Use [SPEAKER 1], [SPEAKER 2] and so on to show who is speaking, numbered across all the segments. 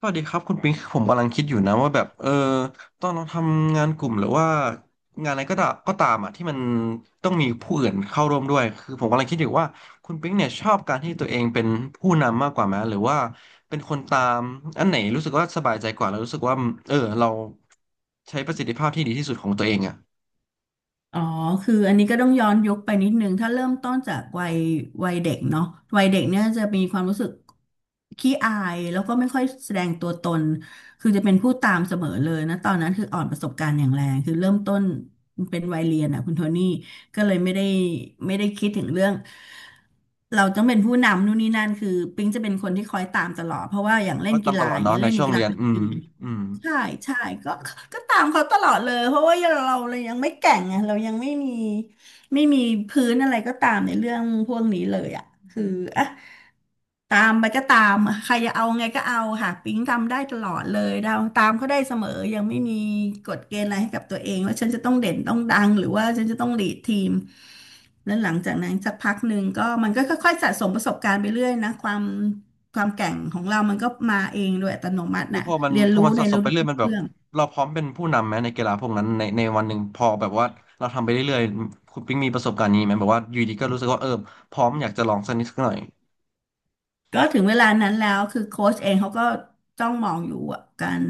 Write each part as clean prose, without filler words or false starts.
[SPEAKER 1] สวัสดีครับคุณปิงผมกำลังคิดอยู่นะว่าแบบตอนเราทำงานกลุ่มหรือว่างานอะไรก็ตามอ่ะที่มันต้องมีผู้อื่นเข้าร่วมด้วยคือผมกำลังคิดอยู่ว่าคุณปิงเนี่ยชอบการที่ตัวเองเป็นผู้นำมากกว่าไหมหรือว่าเป็นคนตามอันไหนรู้สึกว่าสบายใจกว่าแล้วรู้สึกว่าเออเราใช้ประสิทธิภาะที่ดีที่สุดของตัวเองอ่ะ
[SPEAKER 2] อ๋อคืออันนี้ก็ต้องย้อนยุคไปนิดนึงถ้าเริ่มต้นจากวัยเด็กเนาะวัยเด็กเนี่ยจะมีความรู้สึกขี้อายแล้วก็ไม่ค่อยแสดงตัวตน คือจะเป็นผู้ตามเสมอเลยนะ ตอนนั้นคืออ่อนประสบการณ์อย่างแรงคือเริ่มต้นเป็นวัยเรียนอ่ะคุณโทนี่ก็เลยไม่ได้คิดถึงเรื่องเราต้องเป็นผู้นำนู่นนี่นั่นคือปิ๊งจะเป็นคนที่คอยตามตลอดเพราะว่าอย่าง
[SPEAKER 1] เพ
[SPEAKER 2] เล่น
[SPEAKER 1] ราะตา
[SPEAKER 2] กี
[SPEAKER 1] มต
[SPEAKER 2] ฬา
[SPEAKER 1] ลอ
[SPEAKER 2] อ
[SPEAKER 1] ด
[SPEAKER 2] ย่าง
[SPEAKER 1] เนาะ
[SPEAKER 2] เงี้ย
[SPEAKER 1] ใน
[SPEAKER 2] เล่นใน
[SPEAKER 1] ช่วง
[SPEAKER 2] กีฬา
[SPEAKER 1] เรียน
[SPEAKER 2] เป็น
[SPEAKER 1] อืม
[SPEAKER 2] ทีม
[SPEAKER 1] อืม
[SPEAKER 2] ใช่ใช่ก็ก็ตามเขาตลอดเลยเพราะว่าเรายังไม่แก่งไงเรายังไม่มีพื้นอะไรก็ตามในเรื่องพวกนี้เลยอ่ะคืออ่ะตามไปก็ตามอะใครจะเอาไงก็เอาค่ะปิ๊งทำได้ตลอดเลยเราตามเขาได้เสมอยังไม่มีกฎเกณฑ์อะไรให้กับตัวเองว่าฉันจะต้องเด่นต้องดังหรือว่าฉันจะต้องลีดทีมแล้วหลังจากนั้นสักพักหนึ่งก็มันก็ค่อยๆสะสมประสบการณ์ไปเรื่อยนะความ ความแกร่งของเรามันก็มาเองโดยอัตโนมัติ
[SPEAKER 1] คือ
[SPEAKER 2] น่ะ
[SPEAKER 1] พอมัน
[SPEAKER 2] เรียน
[SPEAKER 1] พอ
[SPEAKER 2] รู้
[SPEAKER 1] มัน
[SPEAKER 2] ใน
[SPEAKER 1] สะสม
[SPEAKER 2] รู้
[SPEAKER 1] ไปเรื่อยมันแบบ
[SPEAKER 2] เรื่อง
[SPEAKER 1] เราพร้อมเป็นผู้นำไหมในกีฬาพวกนั้นในวันหนึ่งพอแบบว่าเราทำไปเรื่อยๆคุณปิ๊งมีประสบการณ์นี้ไหมแบบว่าอยู่ดีก็รู้สึกว่าเออพร้อมอยากจะลองสักนิดสักหน่อย
[SPEAKER 2] ก็ถึงเวลานั้นแล้วคือโค้ชเองเขาก็ต้องมองอยู่ว่าการ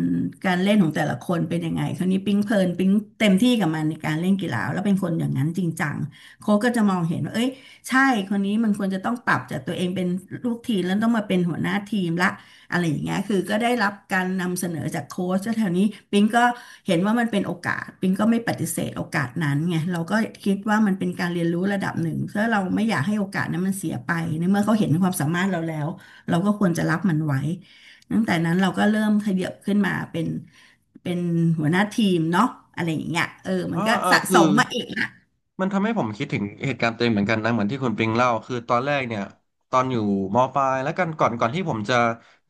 [SPEAKER 2] การเล่นของแต่ละคนเป็นยังไงคราวนี้ปิ๊งเพลินปิ๊งเต็มที่กับมันในการเล่นกีฬาแล้วเป็นคนอย่างนั้นจริงจังโค้ชก็จะมองเห็นว่าเอ้ยใช่คนนี้มันควรจะต้องปรับจากตัวเองเป็นลูกทีมแล้วต้องมาเป็นหัวหน้าทีมละ อะไรอย่างเงี้ยคือก็ได้รับการนำเสนอจากโค้ชแถวนี้ปิงก็เห็นว่ามันเป็นโอกาสปิงก็ไม่ปฏิเสธโอกาสนั้นไงเราก็คิดว่ามันเป็นการเรียนรู้ระดับหนึ่งเพราะเราไม่อยากให้โอกาสนั้นมันเสียไปในเมื่อเขาเห็นความสามารถเราแล้วเราก็ควรจะรับมันไว้ตั้งแต่นั้นเราก็เริ่มขยับขึ้นมาเป็นหัวหน้าทีมเนาะอะไรอย่างเงี้ยเออมั
[SPEAKER 1] เอ
[SPEAKER 2] น
[SPEAKER 1] อ
[SPEAKER 2] ก็
[SPEAKER 1] เออ
[SPEAKER 2] สะส
[SPEAKER 1] คือ
[SPEAKER 2] มมาอีกอ่ะ
[SPEAKER 1] มันทำให้ผมคิดถึงเหตุการณ์ตัวเองเหมือนกันนะเหมือนที่คุณปิงเล่าคือตอนแรกเนี่ยตอนอยู่มปลายแล้วกันก่อนที่ผมจะ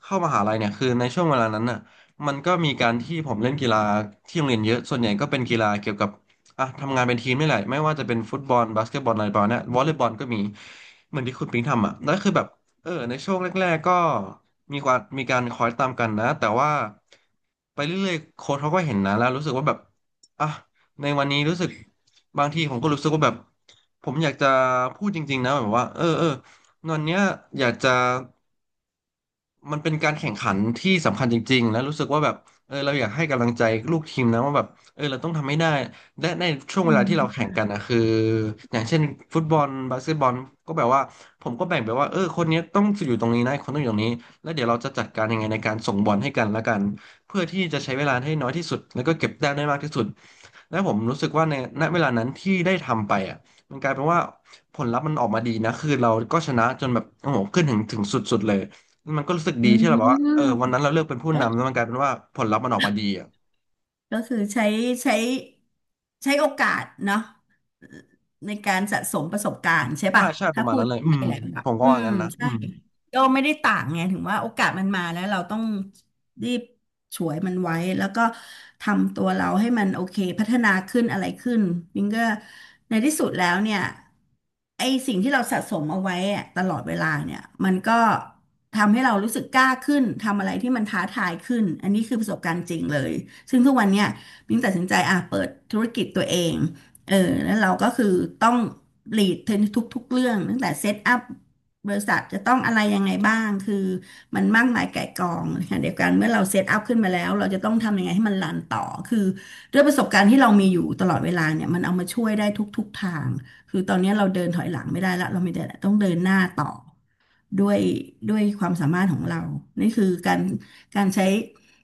[SPEAKER 1] เข้ามหาลัยเนี่ยคือในช่วงเวลานั้นน่ะมันก็มีการที่ผมเล่นกีฬาที่โรงเรียนเยอะส่วนใหญ่ก็เป็นกีฬาเกี่ยวกับอ่ะทำงานเป็นทีมนี่แหละไม่ว่าจะเป็นฟุตบอลบาสเกตบอลอะไรประมาณเนี้ยวอลเลย์บอลก็มีเหมือนที่คุณปิงทำอ่ะแล้วคือแบบในช่วงแรกๆก็มีความมีการคอยตามกันนะแต่ว่าไปเรื่อยๆโค้ชเขาก็เห็นนะแล้วรู้สึกว่าแบบอ่ะ ในวันนี้รู้สึกบางทีผมก็รู้สึกว่าแบบผมอยากจะพูดจริงๆนะแบบว่าเออวันเนี้ยอยากจะมันเป็นการแข่งขันที่สำคัญจริงๆแล้วรู้สึกว่าแบบเออเราอยากให้กำลังใจลูกทีมนะว่าแบบเออเราต้องทำให้ได้และในช่วง
[SPEAKER 2] อื
[SPEAKER 1] เวลาที่เราแข่ง
[SPEAKER 2] ม
[SPEAKER 1] กันนะคืออย่างเช่นฟุตบอลบาสเกตบอลก็แบบว่าผมก็แบ่งไปว่าเออคนเนี้ยต้องอยู่ตรงนี้นะคนต้องอยู่ตรงนี้แล้วเดี๋ยวเราจะจัดการยังไงในการส่งบอลให้กันละกัน เพื่อที่จะใช้เวลาให้น้อยที่สุดแล้วก็เก็บแต้มได้มากที่สุดและผมรู้สึกว่าในณเวลานั้นที่ได้ทำไปอ่ะมันกลายเป็นว่าผลลัพธ์มันออกมาดีนะคือเราก็ชนะจนแบบโอ้โหขึ้นถึงสุดๆเลยมันก็รู้สึก
[SPEAKER 2] อื
[SPEAKER 1] ดีที่เราแบบว่าเออ
[SPEAKER 2] ม
[SPEAKER 1] วันนั้นเราเลือกเป็นผู้นำ
[SPEAKER 2] เอ
[SPEAKER 1] แล้
[SPEAKER 2] อ
[SPEAKER 1] วมันกลายเป็นว่าผลลัพธ์มันออกมาดีอ่ะ
[SPEAKER 2] ก็คือใช้ใช้โอกาสเนาะในการสะสมประสบการณ์ใช่
[SPEAKER 1] ว่า
[SPEAKER 2] ป่ะ
[SPEAKER 1] ใช่ป
[SPEAKER 2] ถ้า
[SPEAKER 1] ระมาณ
[SPEAKER 2] พู
[SPEAKER 1] นั้
[SPEAKER 2] ด
[SPEAKER 1] นเลยอื
[SPEAKER 2] ไ่
[SPEAKER 1] ม
[SPEAKER 2] ยแหละแบ
[SPEAKER 1] ผ
[SPEAKER 2] บ
[SPEAKER 1] มก็
[SPEAKER 2] อื
[SPEAKER 1] ว่า
[SPEAKER 2] ม
[SPEAKER 1] งั้นนะอื
[SPEAKER 2] ใช่
[SPEAKER 1] ม
[SPEAKER 2] ก็ไม่ได้ต่างไงถึงว่าโอกาสมันมาแล้วเราต้อง รีบฉวยมันไว้แล้วก็ทำตัวเราให้มันโอเคพัฒนาขึ้นอะไรขึ้นมิงก็ในที่สุดแล้วเนี่ยไอสิ่งที่เราสะสมเอาไว้อะตลอดเวลาเนี่ยมันก็ทำให้เรารู้สึกกล้าขึ้นทำอะไรที่มันท้าทายขึ้นอันนี้คือประสบการณ์จริงเลยซึ่งทุกวันเนี่ยมิงตัดสินใจอ่ะเปิดธุรกิจตัวเอง เออแล้วเราก็คือต้องลีดทุกๆเรื่องตั้งแต่เซตอัพบริษัทจะต้องอะไรยังไงบ้างคือมันมากมายไก่ายกองค่ะเดียวกันเมื่อเราเซตอัพขึ้นมาแล้วเราจะต้องทำยังไงให้มันรันต่อคือด้วยประสบการณ์ที่เรามีอยู่ตลอดเวลาเนี่ยมันเอามาช่วยได้ทุกๆทางคือตอนนี้เราเดินถอยหลังไม่ได้ละเรามีแต่ต้องเดินหน้าต่อด้วยด้วยความสามารถของเรานี่คือการใช้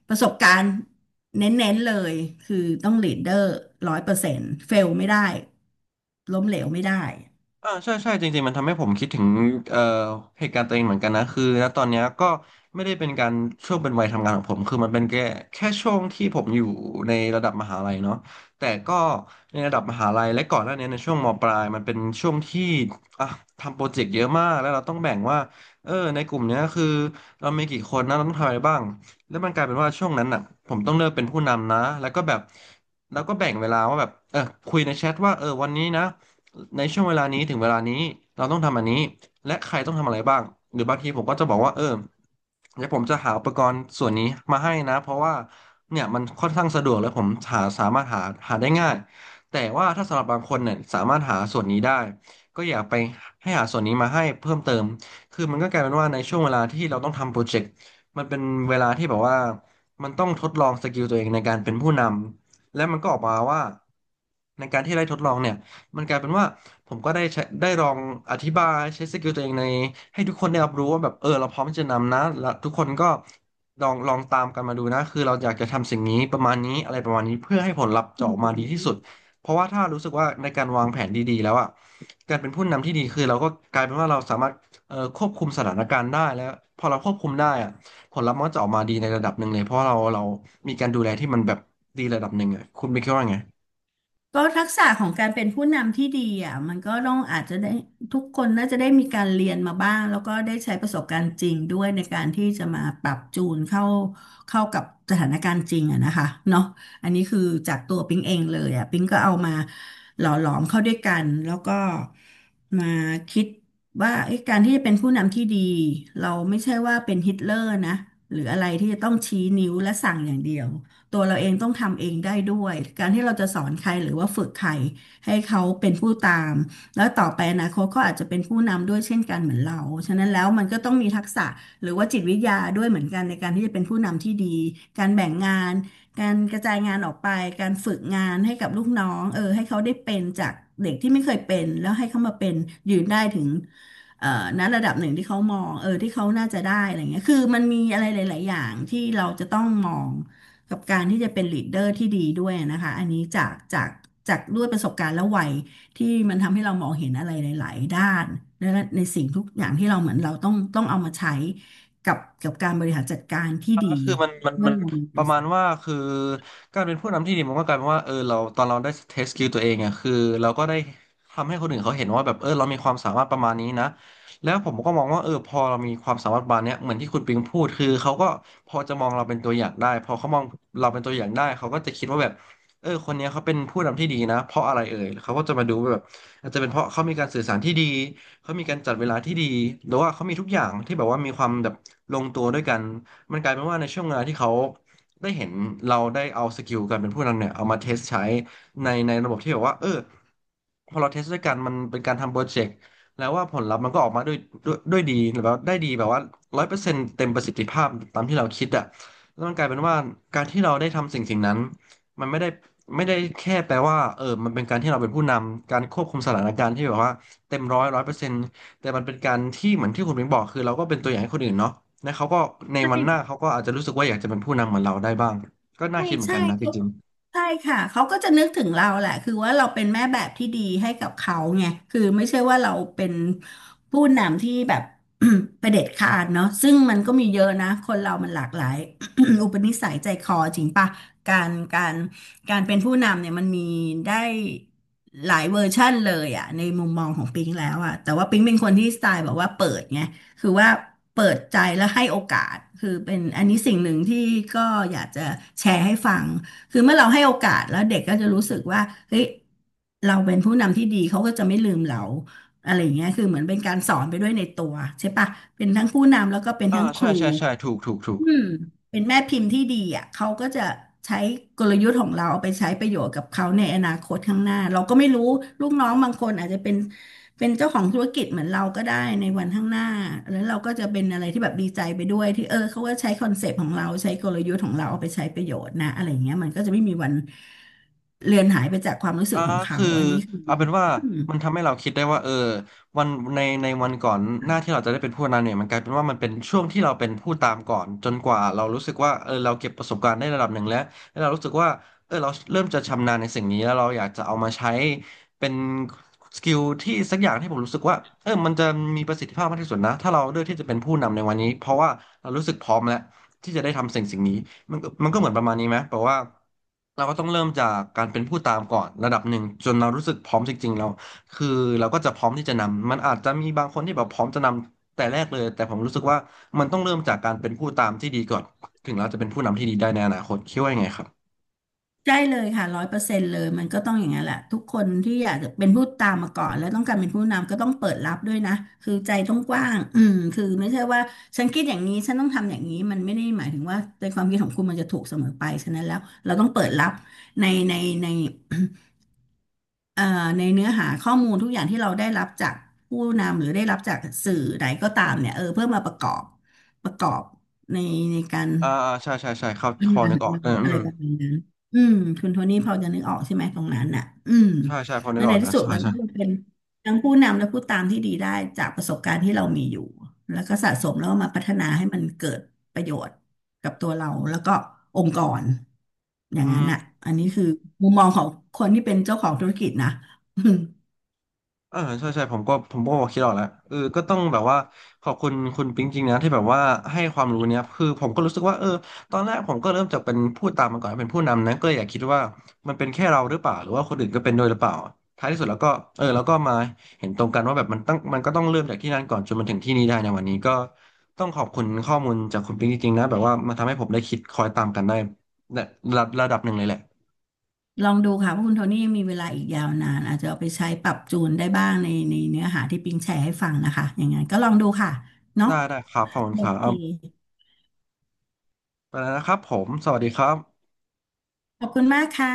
[SPEAKER 2] ประสบการณ์เน้นๆเลยคือต้องลีดเดอร์100%เฟลไม่ได้ล้มเหลวไม่ได้
[SPEAKER 1] อ่าใช่ใช่จริงๆมันทำให้ผมคิดถึงเอ่อเหตุการณ์ตัวเองเหมือนกันนะคือณตอนเนี้ยก็ไม่ได้เป็นการช่วงเป็นวัยทำงานของผมคือมันเป็นแค่ช่วงที่ผมอยู่ในระดับมหาลัยเนาะแต่ก็ในระดับมหาลัยและก่อนหน้านี้ในช่วงมปลายมันเป็นช่วงที่อ่ะทำโปรเจกต์เยอะมากแล้วเราต้องแบ่งว่าเออในกลุ่มเนี้ยคือเรามีกี่คนนะเราต้องทำอะไรบ้างแล้วมันกลายเป็นว่าช่วงนั้นอ่ะผมต้องเริ่มเป็นผู้นำนะแล้วก็แบบแบ่งเวลาว่าแบบเออคุยในแชทว่าเออวันนี้นะ ในช่วงเวลานี้ถึงเวลานี้เราต้องทำอันนี้และใครต้องทำอะไรบ้างหรือบางทีผมก็จะบอกว่าเออเดี๋ยวผมจะหาอุปกรณ์ส่วนนี้มาให้นะเพราะว่าเนี่ยมันค่อนข้างสะดวกและผมสามารถหาได้ง่ายแต่ว่าถ้าสำหรับบางคนเนี่ยสามารถหาส่วนนี้ได้ก็อย่าไปให้หาส่วนนี้มาให้เพิ่มเติมคือมันก็กลายเป็นว่าในช่วงเวลาที่เราต้องทำโปรเจกต์มันเป็นเวลาที่แบบว่ามันต้องทดลองสกิลตัวเองในการเป็นผู้นำและมันก็ออกมาว่าในการที่ได้ทดลองเนี่ย มันกลายเป็นว่าผมก็ได้ใช้ได้ลองอธิบายใช้สกิลตัวเองในให้ทุกคนได้รับรู้ว่าแบบเราพร้อมที่จะนำนะแล้วทุกคนก็ลองตามกันมาดูนะคือเราอยากจะทำสิ่งนี้ประมาณนี้อะไรประมาณนี้เพื่อให้ผลลัพธ์จะออกมาดีที่สุดเพราะว่าถ้ารู้สึกว่าในการวางแผนดีๆแล้วอ่ะการเป็นผู้นำที่ดีคือเราก็กลายเป็นว่าเราสามารถควบคุมสถานการณ์ได้แล้วพอเราควบคุมได้อ่ะผลลัพธ์มันก็จะออกมาดีในระดับหนึ่งเลยเพราะเรามีการดูแลที่มันแบบดีระดับหนึ่งอ่ะคุณไปคิดว่าไง
[SPEAKER 2] ก็ทักษะของการเป็นผู้นำที่ดีอ่ะมันก็ต้องอาจจะได้ทุกคนน่าจะได้มีการเรียนมาบ้างแล้วก็ได้ใช้ประสบการณ์จริงด้วยในการที่จะมาปรับจูนเข้ากับสถานการณ์จริงอะนะคะเนาะอันนี้คือจากตัวปิ๊งเองเลยอ่ะปิ๊งก็เอามาหล่อหลอมเข้าด้วยกันแล้วก็มาคิดว่าเอ้การที่จะเป็นผู้นำที่ดีเราไม่ใช่ว่าเป็นฮิตเลอร์นะหรืออะไรที่จะต้องชี้นิ้วและสั่งอย่างเดียว ตัวเราเองต้องทำเองได้ด้วย การที่เราจะสอนใครหรือว่าฝึกใครให้เขาเป็นผู้ตามแล้วต่อไปอนะเขาก็อาจจะเป็นผู้นำด้วยเช่นกันเหมือนเรา ฉะนั้นแล้วมันก็ต้องมีทักษะหรือว่าจิตวิทยาด้วยเหมือนกันในการที่จะเป็นผู้นำที่ดี การแบ่งงาน การกระจายงานออกไป การฝึกงานให้กับลูกน้องให้เขาได้เป็นจากเด็กที่ไม่เคยเป็นแล้วให้เขามาเป็นยืนได้ถึงณระดับหนึ่งที่เขามองที่เขาน่าจะได้อะไรเงี้ยคือมันมีอะไรหลายๆอย่างที่เราจะต้องมอง กับการที่จะเป็นลีดเดอร์ที่ดีด้วยนะคะอันนี้จากด้วยประสบการณ์และวัยที่มันทำให้เรามองเห็นอะไรหลายๆด้านและในสิ่งทุกอย่างที่เราเหมือนเราต้องเอามาใช้กับการบริหารจัดการที่ดี
[SPEAKER 1] ก็คือมันมัน
[SPEAKER 2] เมื่
[SPEAKER 1] มั
[SPEAKER 2] อ
[SPEAKER 1] น
[SPEAKER 2] เรามีบ
[SPEAKER 1] ประ
[SPEAKER 2] ริ
[SPEAKER 1] มาณ
[SPEAKER 2] ษัท
[SPEAKER 1] ว่าคือการเป็นผู้นำที่ดีมันก็กลายเป็นว่าเราตอนเราได้เทสสกิลตัวเองอ่ะคือเราก็ได้ทำให้คนอื่นเขาเห็นว่าแบบเรามีความสามารถประมาณนี้นะแล้วผมก็มองว่าพอเรามีความสามารถประมาณเนี้ยเหมือนที่คุณปิงพูดคือเขาก็พอจะมองเราเป็นตัวอย่างได้พอเขามองเราเป็นตัวอย่างได้เขาก็จะคิดว่าแบบคนเนี้ยเขาเป็นผู้นำที่ดีนะเพราะอะไรเอ่ยเขาก็จะมาดูว่าแบบอาจจะเป็นเพราะเขามีการสื่อสารที่ดีเขามีการจัดเวลาที่ดีหรือว่าเขามีทุกอย่างที่แบบว่ามีความแบบลงตัวด้วยกัน มันกลายเป็นว่าในช่วงเวลาที่เขาได้เห็นเราได้เอาสกิลการเป็นผู้นำเนี่ยเอามาเทสใช้ในระบบที่แบบว่าพอเราเทสด้วยกันมันเป็นการทำโปรเจกต์แล้วว่าผลลัพธ์มันก็ออกมาด้วยดีหรือว่าได้ดีแบบว่าร้อยเปอร์เซ็นต์เต็มประสิทธิภาพตามที่เราคิดอะแล้วมันกลายเป็นว่าการที่เราได้ทำสิ่งนั้นมันไม่ได้แค่แปลว่ามันเป็นการที่เราเป็นผู้นำการควบคุมสถานการณ์ที่แบบว่าเต็มร้อยเปอร์เซ็นต์ แต่มันเป็นการที่เหมือนที่คุณเบงบอกคือเราก็เป็นตัวอย่างให้คนอื่นเนาะและเขาก็ใน
[SPEAKER 2] ใช
[SPEAKER 1] วันหน้าเขา
[SPEAKER 2] ่
[SPEAKER 1] ก็อาจจะรู้สึกว่าอยากจะเป็นผู้นำเหมือนเราได้บ้างก็น่า
[SPEAKER 2] ใช่
[SPEAKER 1] คิดเหมือน
[SPEAKER 2] ใช่
[SPEAKER 1] กันนะจ
[SPEAKER 2] เขา
[SPEAKER 1] ริง
[SPEAKER 2] ใช่ค่ะเขาก็จะนึกถึงเราแหละคือว่าเราเป็นแม่แบบที่ดีให้กับเขาไงคือไม่ใช่ว่าเราเป็นผู้นำที่แบบ เผด็จขาดเนาะซึ่งมันก็มีเยอะนะคนเรามันหลากหลาย อุปนิสัยใจคอจริงปะการการเป็นผู้นำเนี่ยมันมีได้หลายเวอร์ชั่นเลยอะในมุมมองของปิงแล้วอะแต่ว่าปิงเป็นคนที่สไตล์แบบว่าเปิดไง คือว่าเปิดใจและให้โอกาสคือเป็นอันนี้สิ่งหนึ่งที่ก็อยากจะแชร์ให้ฟังคือเมื่อเราให้โอกาสแล้วเด็กก็จะรู้สึกว่าเฮ้ยเราเป็นผู้นำที่ดีเขาก็จะไม่ลืมเราอะไรอย่างเงี้ยคือเหมือนเป็นการสอนไปด้วยในตัวใช่ปะเป็นทั้งผู้นำแล้วก็เป็น
[SPEAKER 1] ๆอ่า
[SPEAKER 2] ทั้งค
[SPEAKER 1] ใช่
[SPEAKER 2] รู
[SPEAKER 1] ใช่ใช่ถูกถูกถูก
[SPEAKER 2] อืมเป็นแม่พิมพ์ที่ดีอ่ะเขาก็จะใช้กลยุทธ์ของเราเอาไปใช้ประโยชน์กับเขาในอนาคตข้างหน้าเราก็ไม่รู้ลูกน้องบางคนอาจจะเป็นเป็นเจ้าของธุรกิจเหมือนเราก็ได้ในวันข้างหน้าแล้วเราก็จะเป็นอะไรที่แบบดีใจไปด้วยที่เขาก็ใช้คอนเซปต์ของเราใช้กลยุทธ์ของเราเอาไปใช้ประโยชน์นะอะไรอย่างเงี้ยมันก็จะไม่มีวันเลือนหายไปจากความรู้สึ
[SPEAKER 1] อ่า
[SPEAKER 2] กของเขา
[SPEAKER 1] คือ
[SPEAKER 2] อันนี้คือ
[SPEAKER 1] เอาเป็นว่ามันทำให้เราคิดได้ว่าวันในในวันก่อนหน้าที่เราจะได้เป็นผู้นำเนี่ยมันกลายเป็นว่ามันเป็นช่วงที่เราเป็นผู้ตามก่อนจนกว่าเรารู้สึกว่าเราเก็บประสบการณ์ได้ระดับหนึ่งแล้วแล้วเรารู้สึกว่าเราเริ่มจะชำนาญในสิ่งนี้แล้วเราอยากจะเอามาใช้เป็นสกิลที่สักอย่างที่ผมรู้สึกว่ามันจะมีประสิทธิภาพมากที่สุดนะถ้าเราเลือกที่จะเป็นผู้นำในวันนี้เพราะว่าเรารู้สึกพร้อมแล้วที่จะได้ทำสิ่งสิ่งนี้ มันก็เหมือนประมาณนี้ไหมแปลว่าเราก็ต้องเริ่มจากการเป็นผู้ตามก่อนระดับหนึ่งจนเรารู้สึกพร้อมจริงๆเราคือเราก็จะพร้อมที่จะนำมันอาจจะมีบางคนที่แบบพร้อมจะนำแต่แรกเลยแต่ผมรู้สึกว่ามันต้องเริ่มจากการเป็นผู้ตามที่ดีก่อนถึงเราจะเป็นผู้นำที่ดีได้ในอนาคตคิดว่ายังไงครับ
[SPEAKER 2] ใช่เลยค่ะ100%เลยมันก็ต้องอย่างนั้นแหละทุกคนที่อยากจะเป็นผู้ตามมาก่อนแล้วต้องการเป็นผู้นำก็ต้องเปิดรับด้วยนะคือใจต้องกว้างอืมคือไม่ใช่ว่าฉันคิดอย่างนี้ฉันต้องทำอย่างนี้มันไม่ได้หมายถึงว่าในความคิดของคุณมันจะถูกเสมอไปฉะนั้นแล้วเราต้องเปิดรับในในในเอ่อในเนื้อหาข้อมูลทุกอย่างที่เราได้รับจากผู้นำหรือได้รับจากสื่อใดก็ตามเนี่ยเพื่อมาประกอบประกอบในในการ
[SPEAKER 1] อ่าอ่าใช่ใช่ใช่เขา
[SPEAKER 2] ปั
[SPEAKER 1] พ
[SPEAKER 2] ญ
[SPEAKER 1] อ
[SPEAKER 2] หา
[SPEAKER 1] นึ
[SPEAKER 2] ข
[SPEAKER 1] ก
[SPEAKER 2] อง
[SPEAKER 1] ออก
[SPEAKER 2] เรา
[SPEAKER 1] อื
[SPEAKER 2] อะไร
[SPEAKER 1] ม
[SPEAKER 2] ประมาณนั้นอืมคุณโทนี่พอจะนึกออกใช่ไหมตรงนั้นน่ะอืม
[SPEAKER 1] ใช่ใช่พอนึ
[SPEAKER 2] แล้ว
[SPEAKER 1] กอ
[SPEAKER 2] ใน
[SPEAKER 1] อก
[SPEAKER 2] ที่
[SPEAKER 1] นะ
[SPEAKER 2] สุด
[SPEAKER 1] ใช่
[SPEAKER 2] มัน
[SPEAKER 1] ใช่
[SPEAKER 2] ก็เลเป็นทั้งผู้นำและผู้ตามที่ดีได้จากประสบการณ์ที่เรามีอยู่แล้วก็สะสมแล้วมาพัฒนาให้มันเกิดประโยชน์กับตัวเราแล้วก็องค์กรอย่า
[SPEAKER 1] อื
[SPEAKER 2] งนั้นน่ะ
[SPEAKER 1] ม
[SPEAKER 2] อันนี้คือมุมมองของคนที่เป็นเจ้าของธุรกิจนะ อืม
[SPEAKER 1] เออใช่ใช่ผมก็คิดออกแล้วก็ต้องแบบว่าขอบคุณคุณปิ๊งจริงนะที่แบบว่าให้ความรู้เนี้ยคือผมก็รู้สึกว่าตอนแรกผมก็เริ่มจากเป็นผู้ตามมาก่อนเป็นผู้นำนะก็เลยอยากคิดว่ามันเป็นแค่เราหรือเปล่าหรือว่าคนอื่นก็เป็นด้วยหรือเปล่าท้ายที่สุดแล้วก็แล้วก็มาเห็นตรงกันว่าแบบมันก็ต้องเริ่มจากที่นั่นก่อนจนมาถึงที่นี่ได้ในวันนี้ก็ต้องขอบคุณข้อมูลจากคุณปิ๊งจริงๆนะแบบว่ามันทำให้ผมได้คิดคอยตามกันได้รระดับหนึ่งเลยแหละ
[SPEAKER 2] ลองดูค่ะเพราะคุณโทนี่ยังมีเวลาอีกยาวนานอาจจะเอาไปใช้ปรับจูนได้บ้างในในเนื้อหาที่ปิงแชร์ให้ฟังนะคะอย่างนั้นก็ลองดูค่ะเนาะ
[SPEAKER 1] ได้ได้ครับขอบคุณ
[SPEAKER 2] โอ
[SPEAKER 1] ครับ
[SPEAKER 2] เค
[SPEAKER 1] เอาไปแล้วนะครับผมสวัสดีครับ
[SPEAKER 2] ขอบคุณมากค่ะ